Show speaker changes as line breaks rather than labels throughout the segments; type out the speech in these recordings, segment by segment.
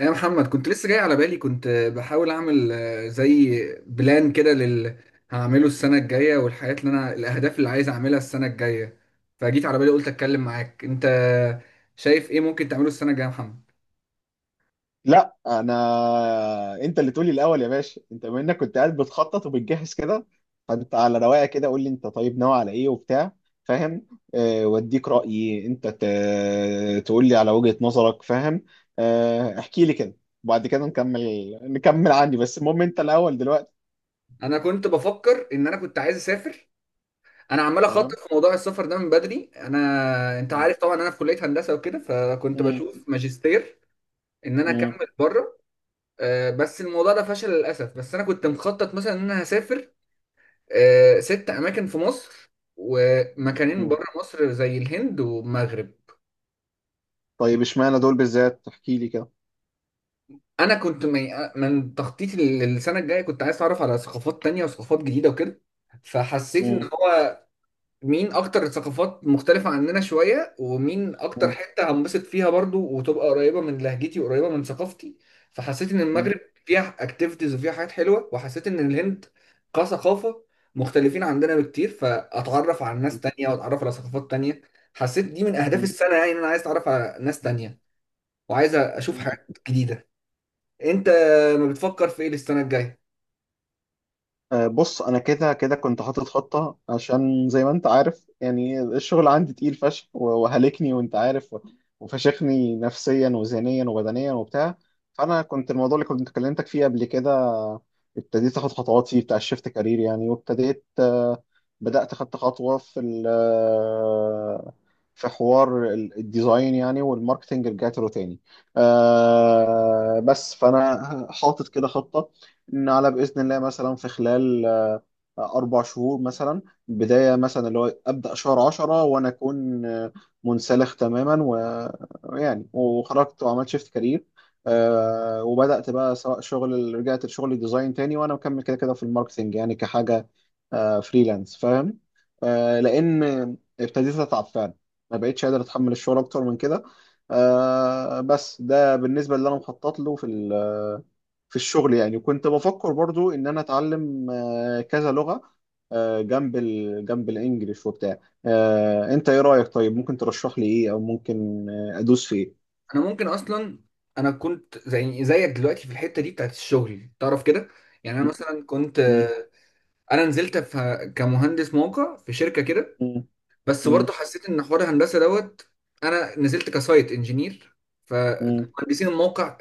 يا محمد، كنت لسه جاي على بالي. كنت بحاول اعمل زي بلان كده هعمله السنة الجاية، والحاجات اللي الاهداف اللي عايز اعملها السنة الجاية. فجيت على بالي قلت اتكلم معاك. انت شايف ايه ممكن تعمله السنة الجاية يا محمد؟
لا انا. انت اللي تقولي الاول يا باشا، انت بما انك كنت قاعد بتخطط وبتجهز كده، فانت على رواقه كده قول لي انت طيب ناوي على ايه وبتاع، فاهم؟ أه، واديك رايي انت تقول لي على وجهه نظرك، فاهم؟ أه، احكي لي كده وبعد كده نكمل. نكمل عندي بس المهم انت الاول دلوقتي.
انا كنت بفكر ان انا كنت عايز اسافر. انا عمال اخطط
تمام.
في موضوع السفر ده من بدري. انا انت
مم.
عارف طبعا انا في كلية هندسة وكده، فكنت
مم.
بشوف ماجستير ان انا
مم.
اكمل بره. بس الموضوع ده فشل للاسف. بس انا كنت مخطط مثلا ان انا هسافر ست أماكن في مصر ومكانين
مم.
بره مصر، زي الهند والمغرب.
طيب اشمعنى دول بالذات، احكي لي كده.
أنا كنت من تخطيطي للسنة الجاية كنت عايز أتعرف على ثقافات تانية وثقافات جديدة وكده. فحسيت إن
مم.
هو مين اكتر ثقافات مختلفة عننا شوية، ومين اكتر
مم.
حتة هنبسط فيها برضو وتبقى قريبة من لهجتي وقريبة من ثقافتي. فحسيت ان
مم.
المغرب فيها اكتيفيتيز وفيها حاجات حلوة، وحسيت ان الهند كثقافة مختلفين عندنا بكتير، فاتعرف على ناس تانية واتعرف على ثقافات تانية. حسيت دي من اهداف السنة، يعني ان انا عايز اتعرف على ناس تانية وعايز اشوف
مم.
حاجات جديدة. انت ما بتفكر في ايه للسنة الجاية؟
بص انا كده كده كنت حاطط خطه، عشان زي ما انت عارف يعني الشغل عندي تقيل فشخ و- وهلكني وانت عارف، و- وفشخني نفسيا وذهنيا وبدنيا وبتاع. فانا كنت الموضوع اللي كنت كلمتك فيه قبل كده ابتديت اخد خطوات فيه بتاع الشيفت كارير يعني، وابتديت بدات خدت خطوه في في حوار ال- الديزاين يعني، والماركتنج رجعت له تاني. بس فانا حاطط كده خطه نعلى بإذن الله مثلا في خلال أربع شهور مثلا. بداية مثلا اللي هو أبدأ شهر عشرة وأنا أكون منسلخ تماما ويعني وخرجت وعملت شيفت كارير. وبدأت بقى سواء شغل رجعت لشغل ديزاين تاني وأنا مكمل كده كده في الماركتينج يعني كحاجة فريلانس، فاهم؟ لأن ابتديت أتعب فعلا، ما بقتش قادر أتحمل الشغل أكتر من كده. بس ده بالنسبة اللي أنا مخطط له في في الشغل. يعني كنت بفكر برضو ان انا اتعلم كذا لغة جنب الانجليش وبتاع. انت ايه رأيك؟ طيب ممكن ترشح لي ايه، او ممكن ادوس في ايه؟
انا ممكن اصلا، انا كنت زي زيك دلوقتي في الحته دي بتاعت الشغل، تعرف كده. يعني انا
مم،
مثلا كنت،
مم،
انا نزلت في كمهندس موقع في شركه كده. بس
مم،
برضه حسيت ان حوار الهندسه دوت. انا نزلت كسايت انجينير،
مم،
فمهندسين الموقع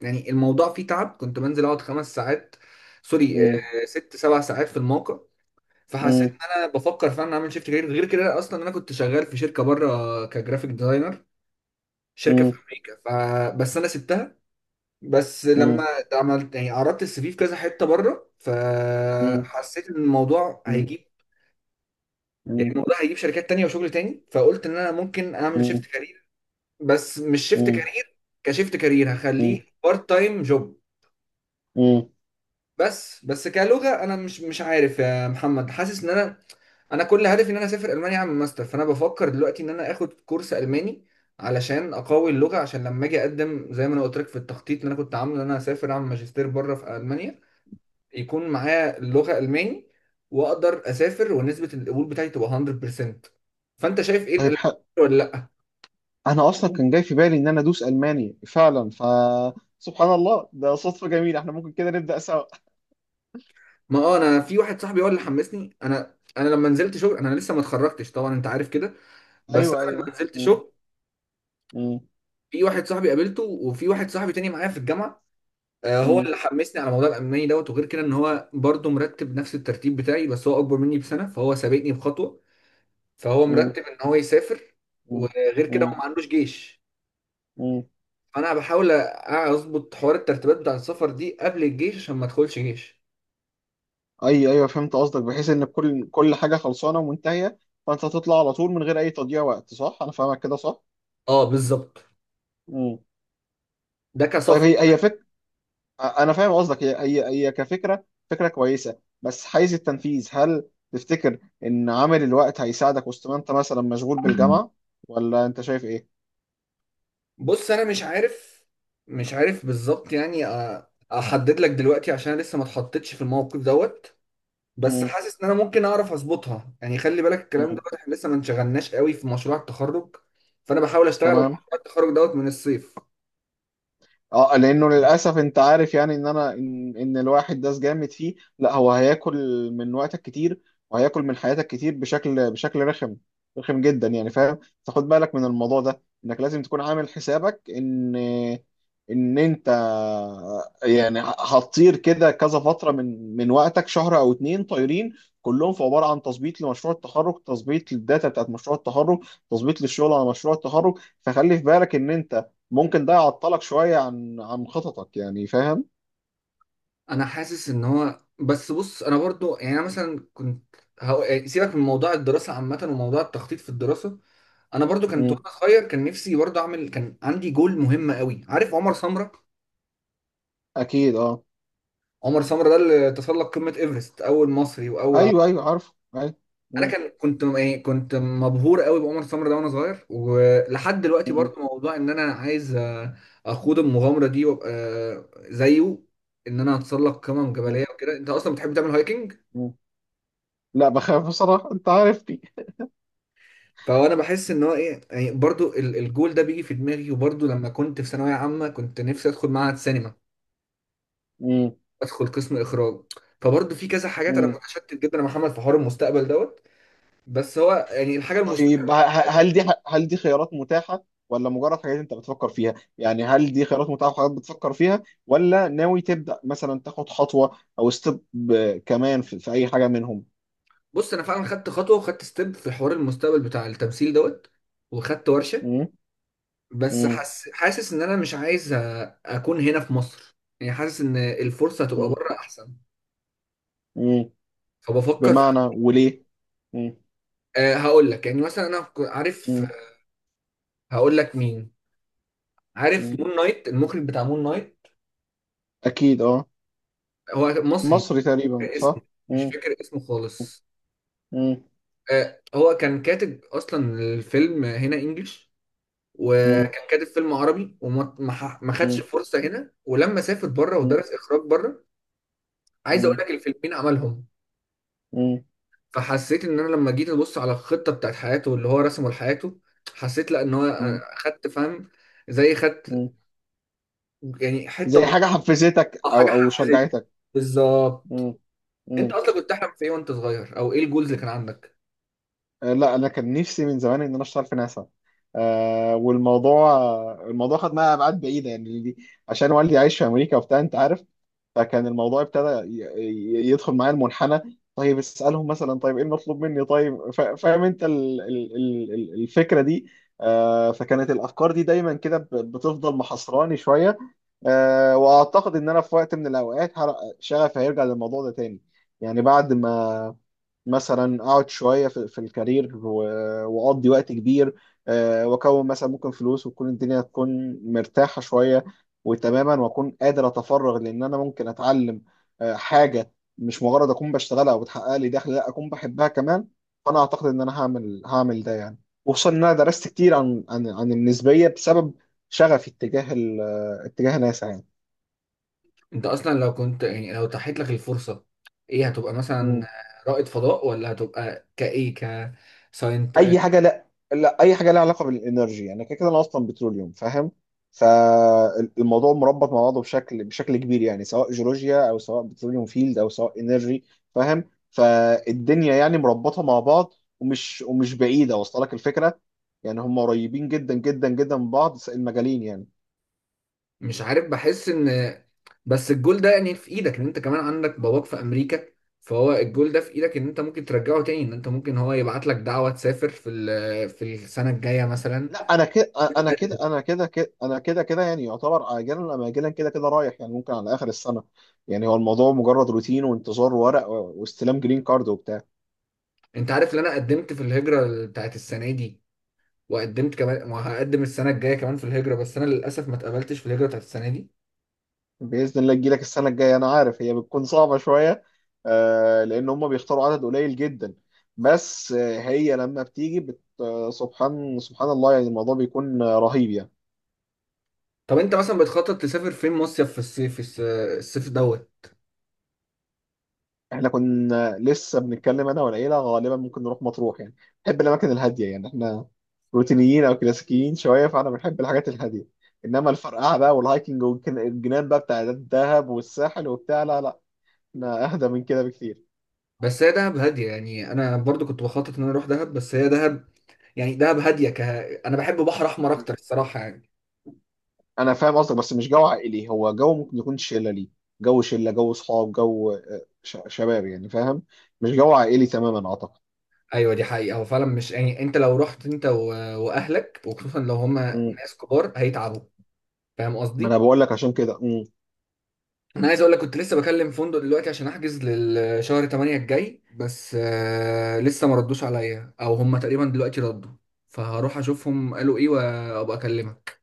يعني الموضوع فيه تعب. كنت بنزل اقعد خمس ساعات، سوري،
مم،
ست سبع ساعات في الموقع. فحسيت
مم،
ان انا بفكر فعلا اعمل شيفت كارير. غير كده اصلا انا كنت شغال في شركه بره كجرافيك ديزاينر، شركه في
مم،
امريكا، فبس انا سبتها. بس لما
مم،
عملت، يعني عرضت السي في في كذا حته بره،
مم،
فحسيت ان الموضوع
مم،
هيجيب،
مم،
يعني
مم،
الموضوع هيجيب شركات تانية وشغل تاني، فقلت ان انا ممكن اعمل شيفت
مم،
كارير. بس مش شيفت
مم،
كارير كشيفت كارير، هخليه
مم،
بارت تايم جوب.
مم.
بس كلغه، انا مش عارف يا محمد. حاسس ان انا كل هدفي ان انا اسافر المانيا اعمل ماستر. فانا بفكر دلوقتي ان انا اخد كورس الماني علشان اقوي اللغه، عشان لما اجي اقدم زي ما انا قلت لك في التخطيط اللي انا كنت عامله، ان انا اسافر اعمل ماجستير بره في المانيا، يكون معايا اللغة ألماني وأقدر أسافر، ونسبة القبول بتاعتي تبقى 100%. فأنت شايف إيه
طيب
الألماني ولا لأ؟
انا اصلا كان جاي في بالي ان انا ادوس الماني فعلا، ف سبحان الله ده صدفة جميلة، احنا ممكن كده نبدأ سوا.
ما أنا في واحد صاحبي هو اللي حمسني. أنا لما نزلت شغل، أنا لسه ما اتخرجتش طبعا أنت عارف كده، بس
ايوه،
أنا لما
ايوه.
نزلت شغل
مم.
في واحد صاحبي قابلته، وفي واحد صاحبي تاني معايا في الجامعة، هو
مم.
اللي حمسني على موضوع الألماني دوت. وغير كده إن هو برضه مرتب نفس الترتيب بتاعي، بس هو أكبر مني بسنة فهو سابقني بخطوة. فهو
مم.
مرتب إن هو يسافر،
مم.
وغير كده هو
مم.
ما عندوش جيش.
مم.
فانا بحاول اظبط حوار الترتيبات بتاع السفر دي قبل الجيش، عشان ما ادخلش جيش.
ايوه، ايوه، فهمت قصدك، بحيث ان كل حاجه خلصانه ومنتهيه، فانت تطلع على طول من غير اي تضييع وقت. صح؟ انا فاهمك كده، صح؟
اه بالظبط،
مم.
ده
طيب
كسفر.
هي هي فك انا فاهم قصدك، هي كفكره، فكره كويسه، بس حيز التنفيذ هل تفتكر ان عامل الوقت هيساعدك وسط ما انت مثلا مشغول بالجامعه، ولا انت شايف ايه؟
بص انا مش عارف، مش عارف بالظبط، يعني احدد لك دلوقتي، عشان أنا لسه ما اتحطيتش في الموقف دوت. بس
مم.
حاسس ان انا ممكن اعرف اظبطها. يعني خلي بالك، الكلام
مم.
دوت احنا لسه ما انشغلناش قوي في مشروع التخرج، فانا بحاول اشتغل على
تمام.
مشروع التخرج دوت من الصيف.
اه، لانه للاسف انت عارف يعني ان إن الواحد ده جامد فيه، لا هو هياكل من وقتك كتير، وهياكل من حياتك كتير بشكل رخم. رخم جدا يعني، فاهم؟ فخد بالك من الموضوع ده انك لازم تكون عامل حسابك ان انت يعني هتطير كده كذا فتره من وقتك، شهر او اتنين طايرين، كلهم في عباره عن تظبيط لمشروع التخرج، تظبيط للداتا بتاعت مشروع التخرج، تظبيط للشغل على مشروع التخرج. فخلي في بالك ان انت ممكن ده يعطلك شوية عن خططك، يعني فاهم؟
انا حاسس ان هو، بس بص انا برضو يعني، انا مثلا كنت، سيبك من موضوع الدراسة عامة وموضوع التخطيط في الدراسة. انا برضو كنت
مم.
وانا صغير كان نفسي برضو اعمل، كان عندي جول مهم قوي. عارف عمر سمره؟
أكيد أه.
عمر سمره ده اللي تسلق قمه ايفرست، اول مصري واول عربي.
أيوه أيوه، عارف، أيوه.
انا
مم.
يعني كنت مبهور قوي بعمر سمره ده وانا صغير، ولحد دلوقتي
مم.
برضو موضوع ان انا عايز اخوض المغامره دي، وابقى زيه، ان انا اتسلق قمم
مم.
جبليه وكده. انت اصلا بتحب تعمل هايكنج؟
مم. لا بخاف بصراحة، أنت عارفني.
فانا بحس ان هو ايه، يعني برضو الجول ده بيجي في دماغي. وبرضو لما كنت في ثانويه عامه كنت نفسي ادخل معهد سينما،
مم.
ادخل قسم اخراج. فبرضه في كذا حاجات، انا
مم.
متشتت جدا يا محمد في حوار المستقبل دوت. بس هو يعني الحاجه المستقبل.
طيب هل دي خيارات متاحة، ولا مجرد حاجات أنت بتفكر فيها؟ يعني هل دي خيارات متاحة وحاجات بتفكر فيها، ولا ناوي تبدأ مثلا تاخد خطوة أو ستيب كمان في أي حاجة منهم؟
بص انا فعلا خدت خطوه وخدت ستيب في حوار المستقبل بتاع التمثيل دوت، وخدت ورشه.
مم.
بس
مم.
حاسس ان انا مش عايز اكون هنا في مصر. يعني حاسس ان الفرصه هتبقى
مم.
بره احسن،
مم.
فبفكر في...
بمعنى وليه؟ مم.
أه هقول لك، يعني مثلا انا عارف،
مم.
هقول لك مين. عارف
مم.
مون نايت، المخرج بتاع مون نايت؟
أكيد أه.
هو مصري.
مصري
مش
تقريبا،
فاكر اسمه،
صح؟
مش
مم.
فاكر اسمه خالص.
مم.
هو كان كاتب اصلا الفيلم هنا انجلش،
مم.
وكان كاتب فيلم عربي، وما ما ح- ما خدش
مم.
فرصه هنا. ولما سافر بره
مم.
ودرس اخراج بره، عايز اقول
مم.
لك الفيلمين عملهم.
مم.
فحسيت ان انا لما جيت ابص على الخطه بتاعت حياته، اللي هو رسمه لحياته، حسيت لا ان هو
مم.
خدت، فاهم، زي خدت
مم.
يعني حته
زي حاجة حفزتك
بسيطة، حاجه
أو أو
حفزيه،
شجعتك.
بالظبط.
مم.
انت
مم.
اصلا كنت تحلم في ايه وانت صغير؟ او ايه الجولز اللي كان عندك؟
لا أنا كان نفسي من زمان إن أنا أشتغل في ناسا. آه، والموضوع الموضوع خد معايا أبعاد بعيدة يعني عشان والدي عايش في أمريكا وبتاع أنت عارف. فكان الموضوع ابتدى يدخل معايا المنحنى، طيب اسألهم مثلا، طيب ايه المطلوب مني، طيب فاهم انت ال- ال- ال- ال- الفكرة دي. فكانت الافكار دي دايما كده بتفضل محصراني شوية. واعتقد ان انا في وقت من الاوقات شغفي هيرجع للموضوع ده تاني، يعني بعد ما مثلا اقعد شويه في الكارير و- واقضي وقت كبير. واكون مثلا ممكن فلوس، وتكون الدنيا تكون مرتاحه شويه وتماما، واكون قادر اتفرغ لان انا ممكن اتعلم حاجه مش مجرد اكون بشتغلها وبتحقق لي دخل، لا اكون بحبها كمان. فانا اعتقد ان انا هعمل ده يعني. وخصوصا ان انا درست كتير عن النسبيه بسبب شغفي اتجاه اتجاه ناسا.
انت اصلا لو كنت، يعني لو تحت لك الفرصه، ايه هتبقى مثلا؟
يعني
رائد فضاء، ولا هتبقى كايه، كساينت؟
اي حاجه. لا، لا اي حاجه لها علاقه بالانرجي، يعني كده كده انا اصلا بتروليوم، فاهم؟ فالموضوع مربط مع بعضه بشكل كبير يعني، سواء جيولوجيا او سواء بتروليوم فيلد او سواء انرجي، فاهم؟ فالدنيا يعني مربطه مع بعض، ومش بعيده، واصله لك الفكره؟ يعني هم قريبين جدا جدا جدا من بعض المجالين يعني.
مش عارف. بحس ان، بس الجول ده يعني في ايدك، ان انت كمان عندك باباك في امريكا. فهو الجول ده في ايدك، ان انت ممكن ترجعه تاني، ان انت ممكن هو يبعت لك دعوه تسافر في في السنه الجايه مثلا.
لا انا كده. انا كده كده يعني يعتبر اجلا ام اجلا، كده كده رايح يعني، ممكن على اخر السنه. يعني هو الموضوع مجرد روتين وانتظار ورق واستلام جرين كارد وبتاع.
انت عارف ان انا قدمت في الهجرة بتاعت السنة دي، وقدمت كمان وهقدم السنة الجاية كمان في الهجرة، بس انا للاسف ما اتقبلتش في الهجرة بتاعت السنة دي.
باذن الله تجيلك السنه الجايه، انا عارف هي بتكون صعبه شويه، لان هم بيختاروا عدد قليل جدا. بس هي لما بتيجي بت... آه، سبحان سبحان الله، يعني الموضوع بيكون رهيب يعني.
طب انت مثلا بتخطط تسافر فين مصيف في الصيف، الصيف دوت؟
احنا كنا لسه بنتكلم انا والعيله، غالبا ممكن نروح مطروح يعني. بنحب الاماكن الهاديه يعني، احنا روتينيين او كلاسيكيين شويه، فانا بنحب الحاجات الهاديه. انما الفرقعه بقى والهايكنج والجنان بقى بتاع الدهب والساحل وبتاع، لا لا، احنا اهدى من كده بكتير.
بس هي دهب هاديه، يعني انا برضو كنت بخطط ان انا اروح دهب، بس هي دهب يعني دهب هاديه انا بحب بحر احمر اكتر الصراحه يعني.
انا فاهم قصدك، بس مش جو عائلي، هو جو ممكن يكون شله ليه، جو شله، جو صحاب، جو شباب يعني فاهم، مش جو عائلي تماما اعتقد.
ايوه دي حقيقه، هو فعلا مش يعني، انت لو رحت انت واهلك، وخصوصا لو هما
مم.
ناس كبار هيتعبوا، فاهم
ما انا
قصدي؟
بقول لك عشان كده. مم.
انا عايز اقول لك، كنت لسه بكلم فندق دلوقتي عشان احجز للشهر 8 الجاي، بس لسه ما ردوش عليا، او هما تقريبا دلوقتي ردوا، فهروح اشوفهم قالوا ايه وابقى اكلمك.